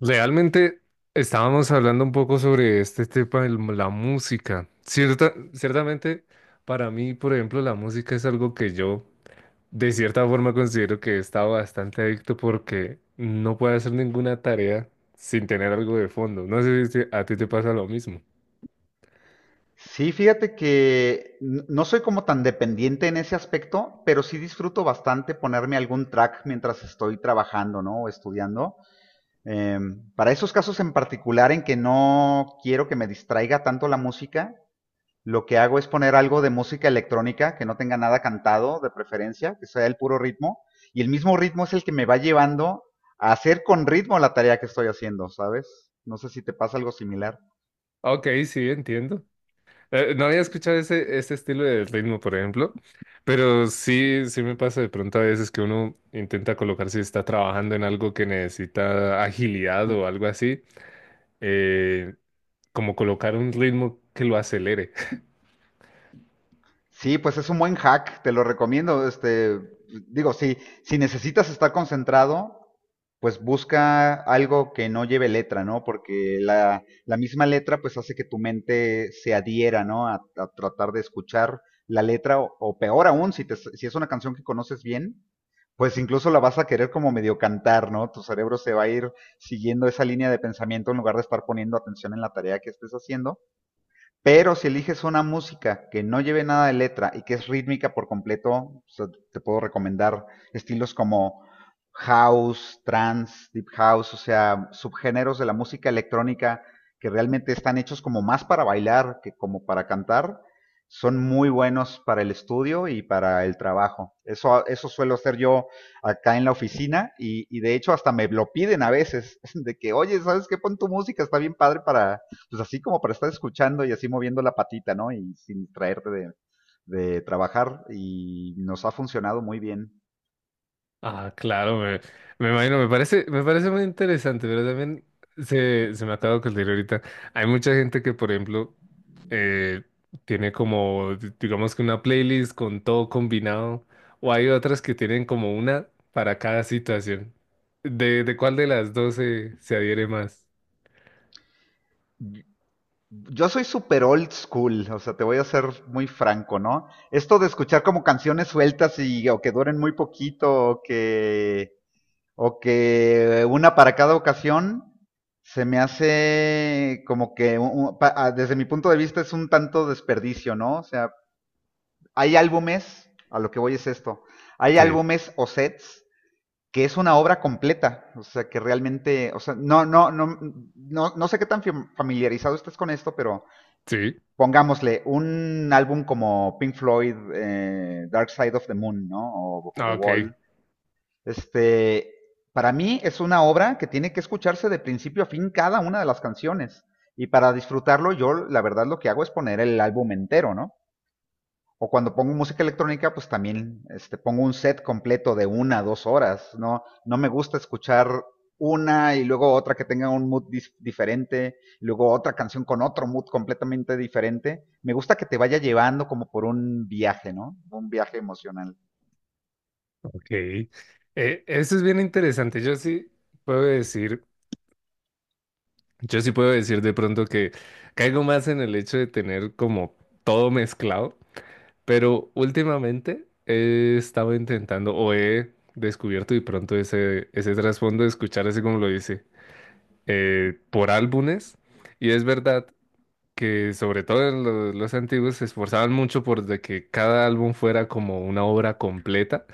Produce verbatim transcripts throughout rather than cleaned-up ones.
Realmente estábamos hablando un poco sobre este tema de la música. Cierta, ciertamente, para mí, por ejemplo, la música es algo que yo de cierta forma considero que he estado bastante adicto porque no puedo hacer ninguna tarea sin tener algo de fondo. No sé si a ti te pasa lo mismo. Sí, fíjate que n- no soy como tan dependiente en ese aspecto, pero sí disfruto bastante ponerme algún track mientras estoy trabajando, ¿no? O estudiando. Em, para esos casos en particular en que no quiero que me distraiga tanto la música, lo que hago es poner algo de música electrónica que no tenga nada cantado, de preferencia, que sea el puro ritmo. Y el mismo ritmo es el que me va llevando a hacer con ritmo la tarea que estoy haciendo, ¿sabes? No sé si te pasa algo similar. Ok, sí, entiendo. Eh, no había escuchado ese, ese estilo de ritmo, por ejemplo, pero sí, sí me pasa de pronto a veces que uno intenta colocar si está trabajando en algo que necesita agilidad o algo así, eh, como colocar un ritmo que lo acelere. Sí, pues es un buen hack, te lo recomiendo. Este, digo, si, si necesitas estar concentrado, pues busca algo que no lleve letra, ¿no? Porque la, la misma letra pues hace que tu mente se adhiera, ¿no? A, a tratar de escuchar la letra o, o peor aún, si, te- si es una canción que conoces bien, pues incluso la vas a querer como medio cantar, ¿no? Tu cerebro se va a ir siguiendo esa línea de pensamiento en lugar de estar poniendo atención en la tarea que estés haciendo, pero si eliges una música que no lleve nada de letra y que es rítmica por completo, o sea, te puedo recomendar estilos como house, trance, deep house, o sea, subgéneros de la música electrónica que realmente están hechos como más para bailar que como para cantar, son muy buenos para el estudio y para el trabajo. Eso, eso suelo hacer yo acá en la oficina y, y de hecho hasta me lo piden a veces, de que, oye, ¿sabes qué? Pon tu música, está bien padre para, pues así como para estar escuchando y así moviendo la patita, ¿no? Y sin traerte de, de trabajar y nos ha funcionado muy bien. Ah, claro, me, me imagino, me parece, me parece muy interesante, pero también se, se me acaba de ocurrir ahorita. Hay mucha gente que, por ejemplo, eh, tiene como, di- digamos que una playlist con todo combinado, o hay otras que tienen como una para cada situación. ¿De, de cuál de las dos se, se adhiere más? Yo soy super old school, o sea, te voy a ser muy franco, ¿no? Esto de escuchar como canciones sueltas y o que duren muy poquito o que o que una para cada ocasión se me hace como que un- un- pa- ah, desde mi punto de vista es un tanto desperdicio, ¿no? O sea, hay álbumes, a lo que voy es esto, hay Sí, álbumes o sets que es una obra completa, o sea, que realmente, o sea, no, no, no, no, no sé qué tan familiarizado estés con esto, pero sí, pongámosle un álbum como Pink Floyd, eh, Dark Side of the Moon, ¿no? O, o ah, The ok, Wall. Este, para mí es una obra que tiene que escucharse de principio a fin cada una de las canciones. Y para disfrutarlo, yo la verdad lo que hago es poner el álbum entero, ¿no? O cuando pongo música electrónica, pues también este, pongo un set completo de una, dos horas. No, no me gusta escuchar una y luego otra que tenga un mood diferente, y luego otra canción con otro mood completamente diferente. Me gusta que te vaya llevando como por un viaje, ¿no? Un viaje emocional. ok. Eh, eso es bien interesante. Yo sí puedo decir. Yo sí puedo decir de pronto que caigo más en el hecho de tener como todo mezclado, pero últimamente he estado intentando o he descubierto de pronto ese, ese trasfondo de escuchar así como lo dice, eh, por álbumes. Y es verdad que sobre todo en lo- los antiguos se esforzaban mucho por de que cada álbum fuera como una obra completa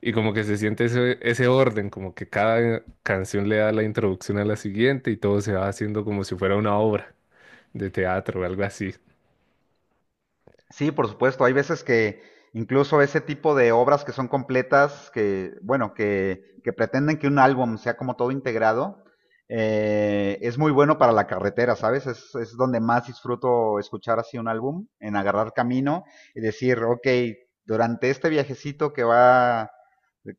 y como que se siente ese, ese orden, como que cada canción le da la introducción a la siguiente y todo se va haciendo como si fuera una obra de teatro o algo así. Sí, por supuesto. Hay veces que incluso ese tipo de obras que son completas, que, bueno, que, que pretenden que un álbum sea como todo integrado, eh, es muy bueno para la carretera, ¿sabes? Es, es donde más disfruto escuchar así un álbum, en agarrar camino y decir, ok, durante este viajecito que va, que,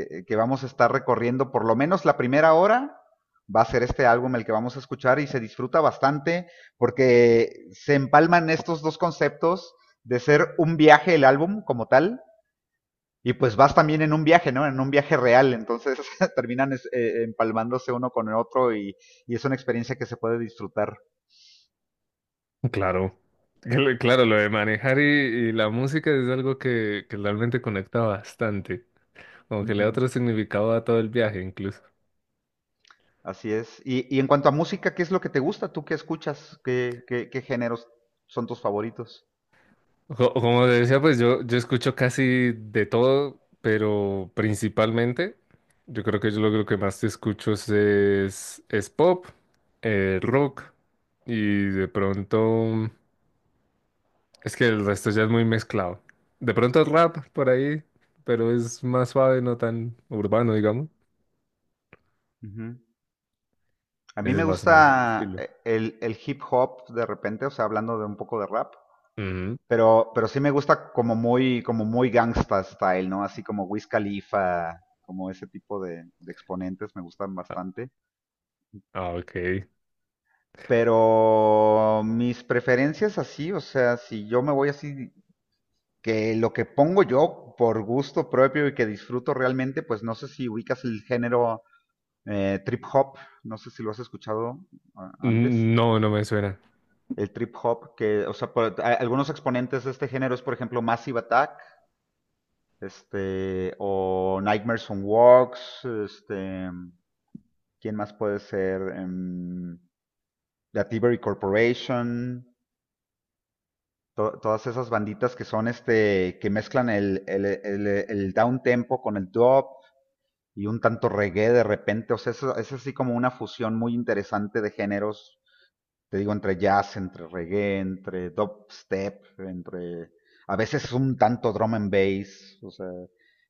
eh, que vamos a estar recorriendo, por lo menos la primera hora, va a ser este álbum el que vamos a escuchar y se disfruta bastante porque se empalman estos dos conceptos de ser un viaje el álbum como tal, y pues vas también en un viaje, ¿no? En un viaje real, entonces terminan es, eh, empalmándose uno con el otro y, y, es una experiencia que se puede disfrutar. Claro. Cl- Claro, lo de manejar y, y la música es algo que, que realmente conecta bastante, como Uh que le da -huh. otro significado a todo el viaje incluso. Así es. Y, y, en cuanto a música, ¿qué es lo que te gusta? ¿Tú qué escuchas? ¿Qué, qué, qué géneros son tus favoritos? Co- Como te decía, pues yo, yo escucho casi de todo, pero principalmente, yo creo que yo lo, lo que más escucho es, es, es pop, eh, Uh rock y de pronto... Es que el resto ya es muy mezclado. De pronto rap por ahí, pero es más suave, no tan urbano, digamos. -huh. A mí Ese es me más o menos el gusta estilo. eh, el, el hip hop de repente, o sea, hablando de un poco de rap. Ujú. Pero, pero sí me gusta como muy, como muy gangsta style, ¿no? Así como Wiz Khalifa, como ese tipo de, de exponentes me gustan Ah, bastante. ah, ok. Pero mis preferencias así, o sea, si yo me voy así, que lo que pongo yo por gusto propio y que disfruto realmente, pues no sé si ubicas el género eh, trip hop, no sé si lo has escuchado ah, antes. Mm, no, no me suena. El trip hop, que, o sea, por- a- algunos exponentes de este género es, por ejemplo, Massive Attack. Este, o Nightmares on Walks, este, ¿quién más puede ser? Em, la Tibery Corporation, to- todas esas banditas que son este, que mezclan el, el, el, el down tempo con el drop y un tanto reggae de repente, o sea, eso- es así como una fusión muy interesante de géneros, te digo, entre jazz, entre reggae, entre dubstep, entre... A veces es un tanto drum and bass, o sea,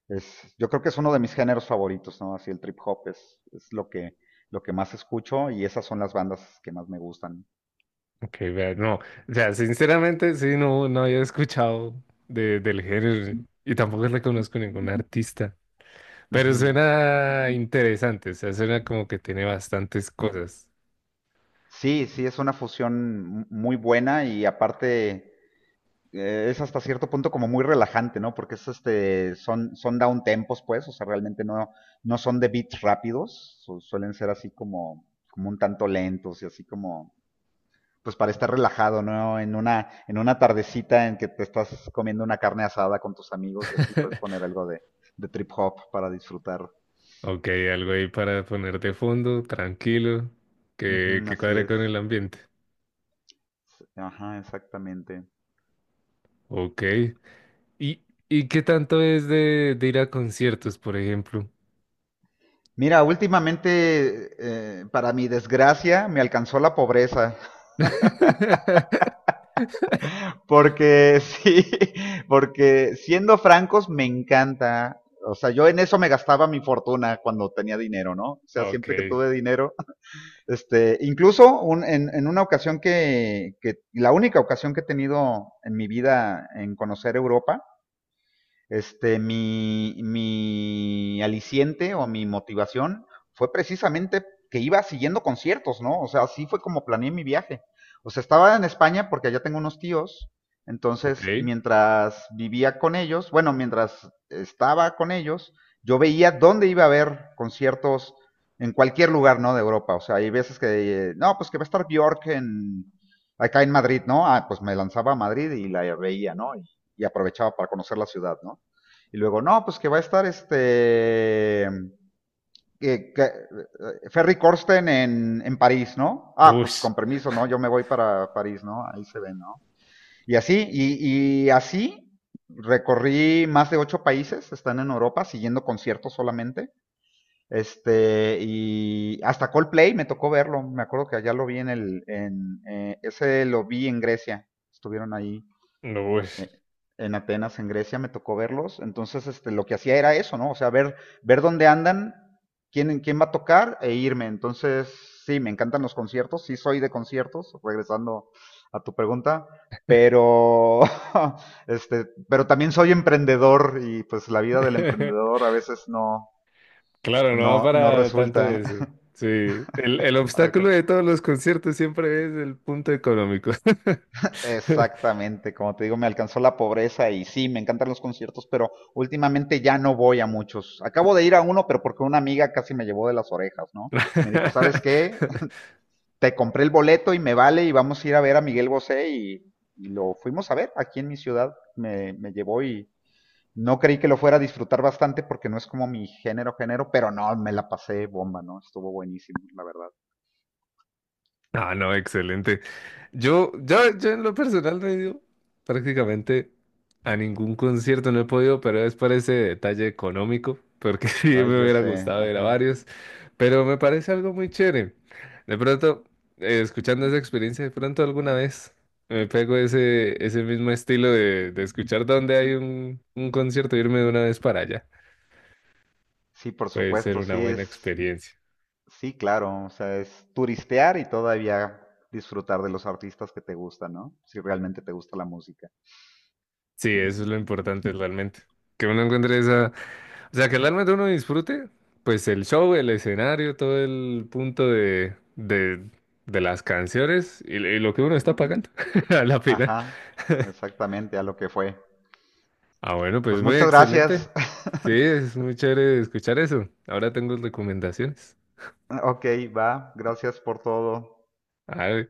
es, yo creo que es uno de mis géneros favoritos, ¿no? Así el trip hop es, es lo, que, lo que más escucho y esas son las bandas que más me gustan. Ok, vea, no. O sea, sinceramente, sí, no, no había escuchado de, del género y tampoco le conozco ningún artista. Pero Ujú. suena interesante, o sea, suena como que tiene bastantes cosas. Sí, sí, es una fusión muy buena y aparte eh, es hasta cierto punto como muy relajante, ¿no? Porque es este, son, son down tempos, pues, o sea, realmente no, no son de beats rápidos, su- suelen ser así como, como un tanto lentos y así como, pues para estar relajado, ¿no? En una, en una tardecita en que te estás comiendo una carne asada con tus amigos y así puedes poner algo de, de trip hop para disfrutar. Ok, algo ahí para ponerte de fondo, tranquilo, que, Ujú, que así cuadre es. con el ambiente. Ajá, exactamente. Ok. ¿Y, y qué tanto es de, de ir a conciertos, por ejemplo? Mira, últimamente, eh, para mi desgracia, me alcanzó la pobreza. Porque sí, porque siendo francos me encanta. O sea, yo en eso me gastaba mi fortuna cuando tenía dinero, ¿no? O sea, Ok, siempre que tuve dinero. Este, incluso un- en, en una ocasión que, que, la única ocasión que he tenido en mi vida en conocer Europa, este, mi, mi aliciente o mi motivación fue precisamente que iba siguiendo conciertos, ¿no? O sea, así fue como planeé mi viaje. O sea, estaba en España porque allá tengo unos tíos, entonces ok. mientras vivía con ellos, bueno, mientras estaba con ellos, yo veía dónde iba a haber conciertos en cualquier lugar, ¿no? De Europa. O sea, hay veces que, eh, no, pues que va a estar Björk en, acá en Madrid, ¿no? Ah, pues me lanzaba a Madrid y la veía, ¿no? Y, y aprovechaba para conocer la ciudad, ¿no? Y luego, no, pues que va a estar este... eh, que- eh, Ferry Corsten en, en París, ¿no? Ah, pues Ush, con permiso, ¿no? Yo me voy para París, ¿no? Ahí se ve, ¿no? Y así, y, y así recorrí más de ocho países, están en Europa, siguiendo conciertos solamente. Este, y hasta Coldplay me tocó verlo, me acuerdo que allá lo vi en el, en, eh, ese lo vi en Grecia, estuvieron ahí no, ush. eh, en Atenas, en Grecia, me tocó verlos. Entonces, este, lo que hacía era eso, ¿no? O sea, ver, ver dónde andan, quién, quién va a tocar e irme. Entonces, sí, me encantan los conciertos, sí soy de conciertos, regresando a tu pregunta, pero, este, pero también soy emprendedor y pues la vida del emprendedor a veces no, Claro, no va no, no para tanto resulta. eso. Sí, el, el obstáculo de todos los conciertos siempre es el punto económico. Exactamente, como te digo, me alcanzó la pobreza y sí, me encantan los conciertos, pero últimamente ya no voy a muchos. Acabo de ir a uno, pero porque una amiga casi me llevó de las orejas, ¿no? Me dijo, ¿sabes qué? Te compré el boleto y me vale y vamos a ir a ver a Miguel Bosé y, y lo fuimos a ver aquí en mi ciudad. Me, me llevó y no creí que lo fuera a disfrutar bastante porque no es como mi género, género, pero no, me la pasé bomba, ¿no? Estuvo buenísimo, la verdad. Ah, no, excelente. Yo, yo, yo en lo personal no he ido prácticamente a ningún concierto, no he podido, pero es por ese detalle económico, porque sí Ay, me ya hubiera sé, gustado ir a ajá. varios, pero me parece algo muy chévere. De pronto, eh, escuchando esa experiencia, de pronto alguna vez me pego ese, ese mismo estilo de, de escuchar donde hay un, un concierto, e irme de una vez para allá. Sí, por Puede ser supuesto, una sí buena es. experiencia. Sí, claro, o sea, es turistear y todavía disfrutar de los artistas que te gustan, ¿no? Si realmente te gusta la música. Sí, eso es lo importante realmente, que uno encuentre esa. O sea, que realmente uno disfrute, pues el show, el escenario, todo el punto de, de, de las canciones y, y lo que uno está pagando a la final. Ajá, exactamente, a lo que fue. Ah, bueno, Pues pues muy muchas excelente. gracias. Sí, es muy chévere escuchar eso. Ahora tengo recomendaciones. Ok, va, gracias por todo. Ah,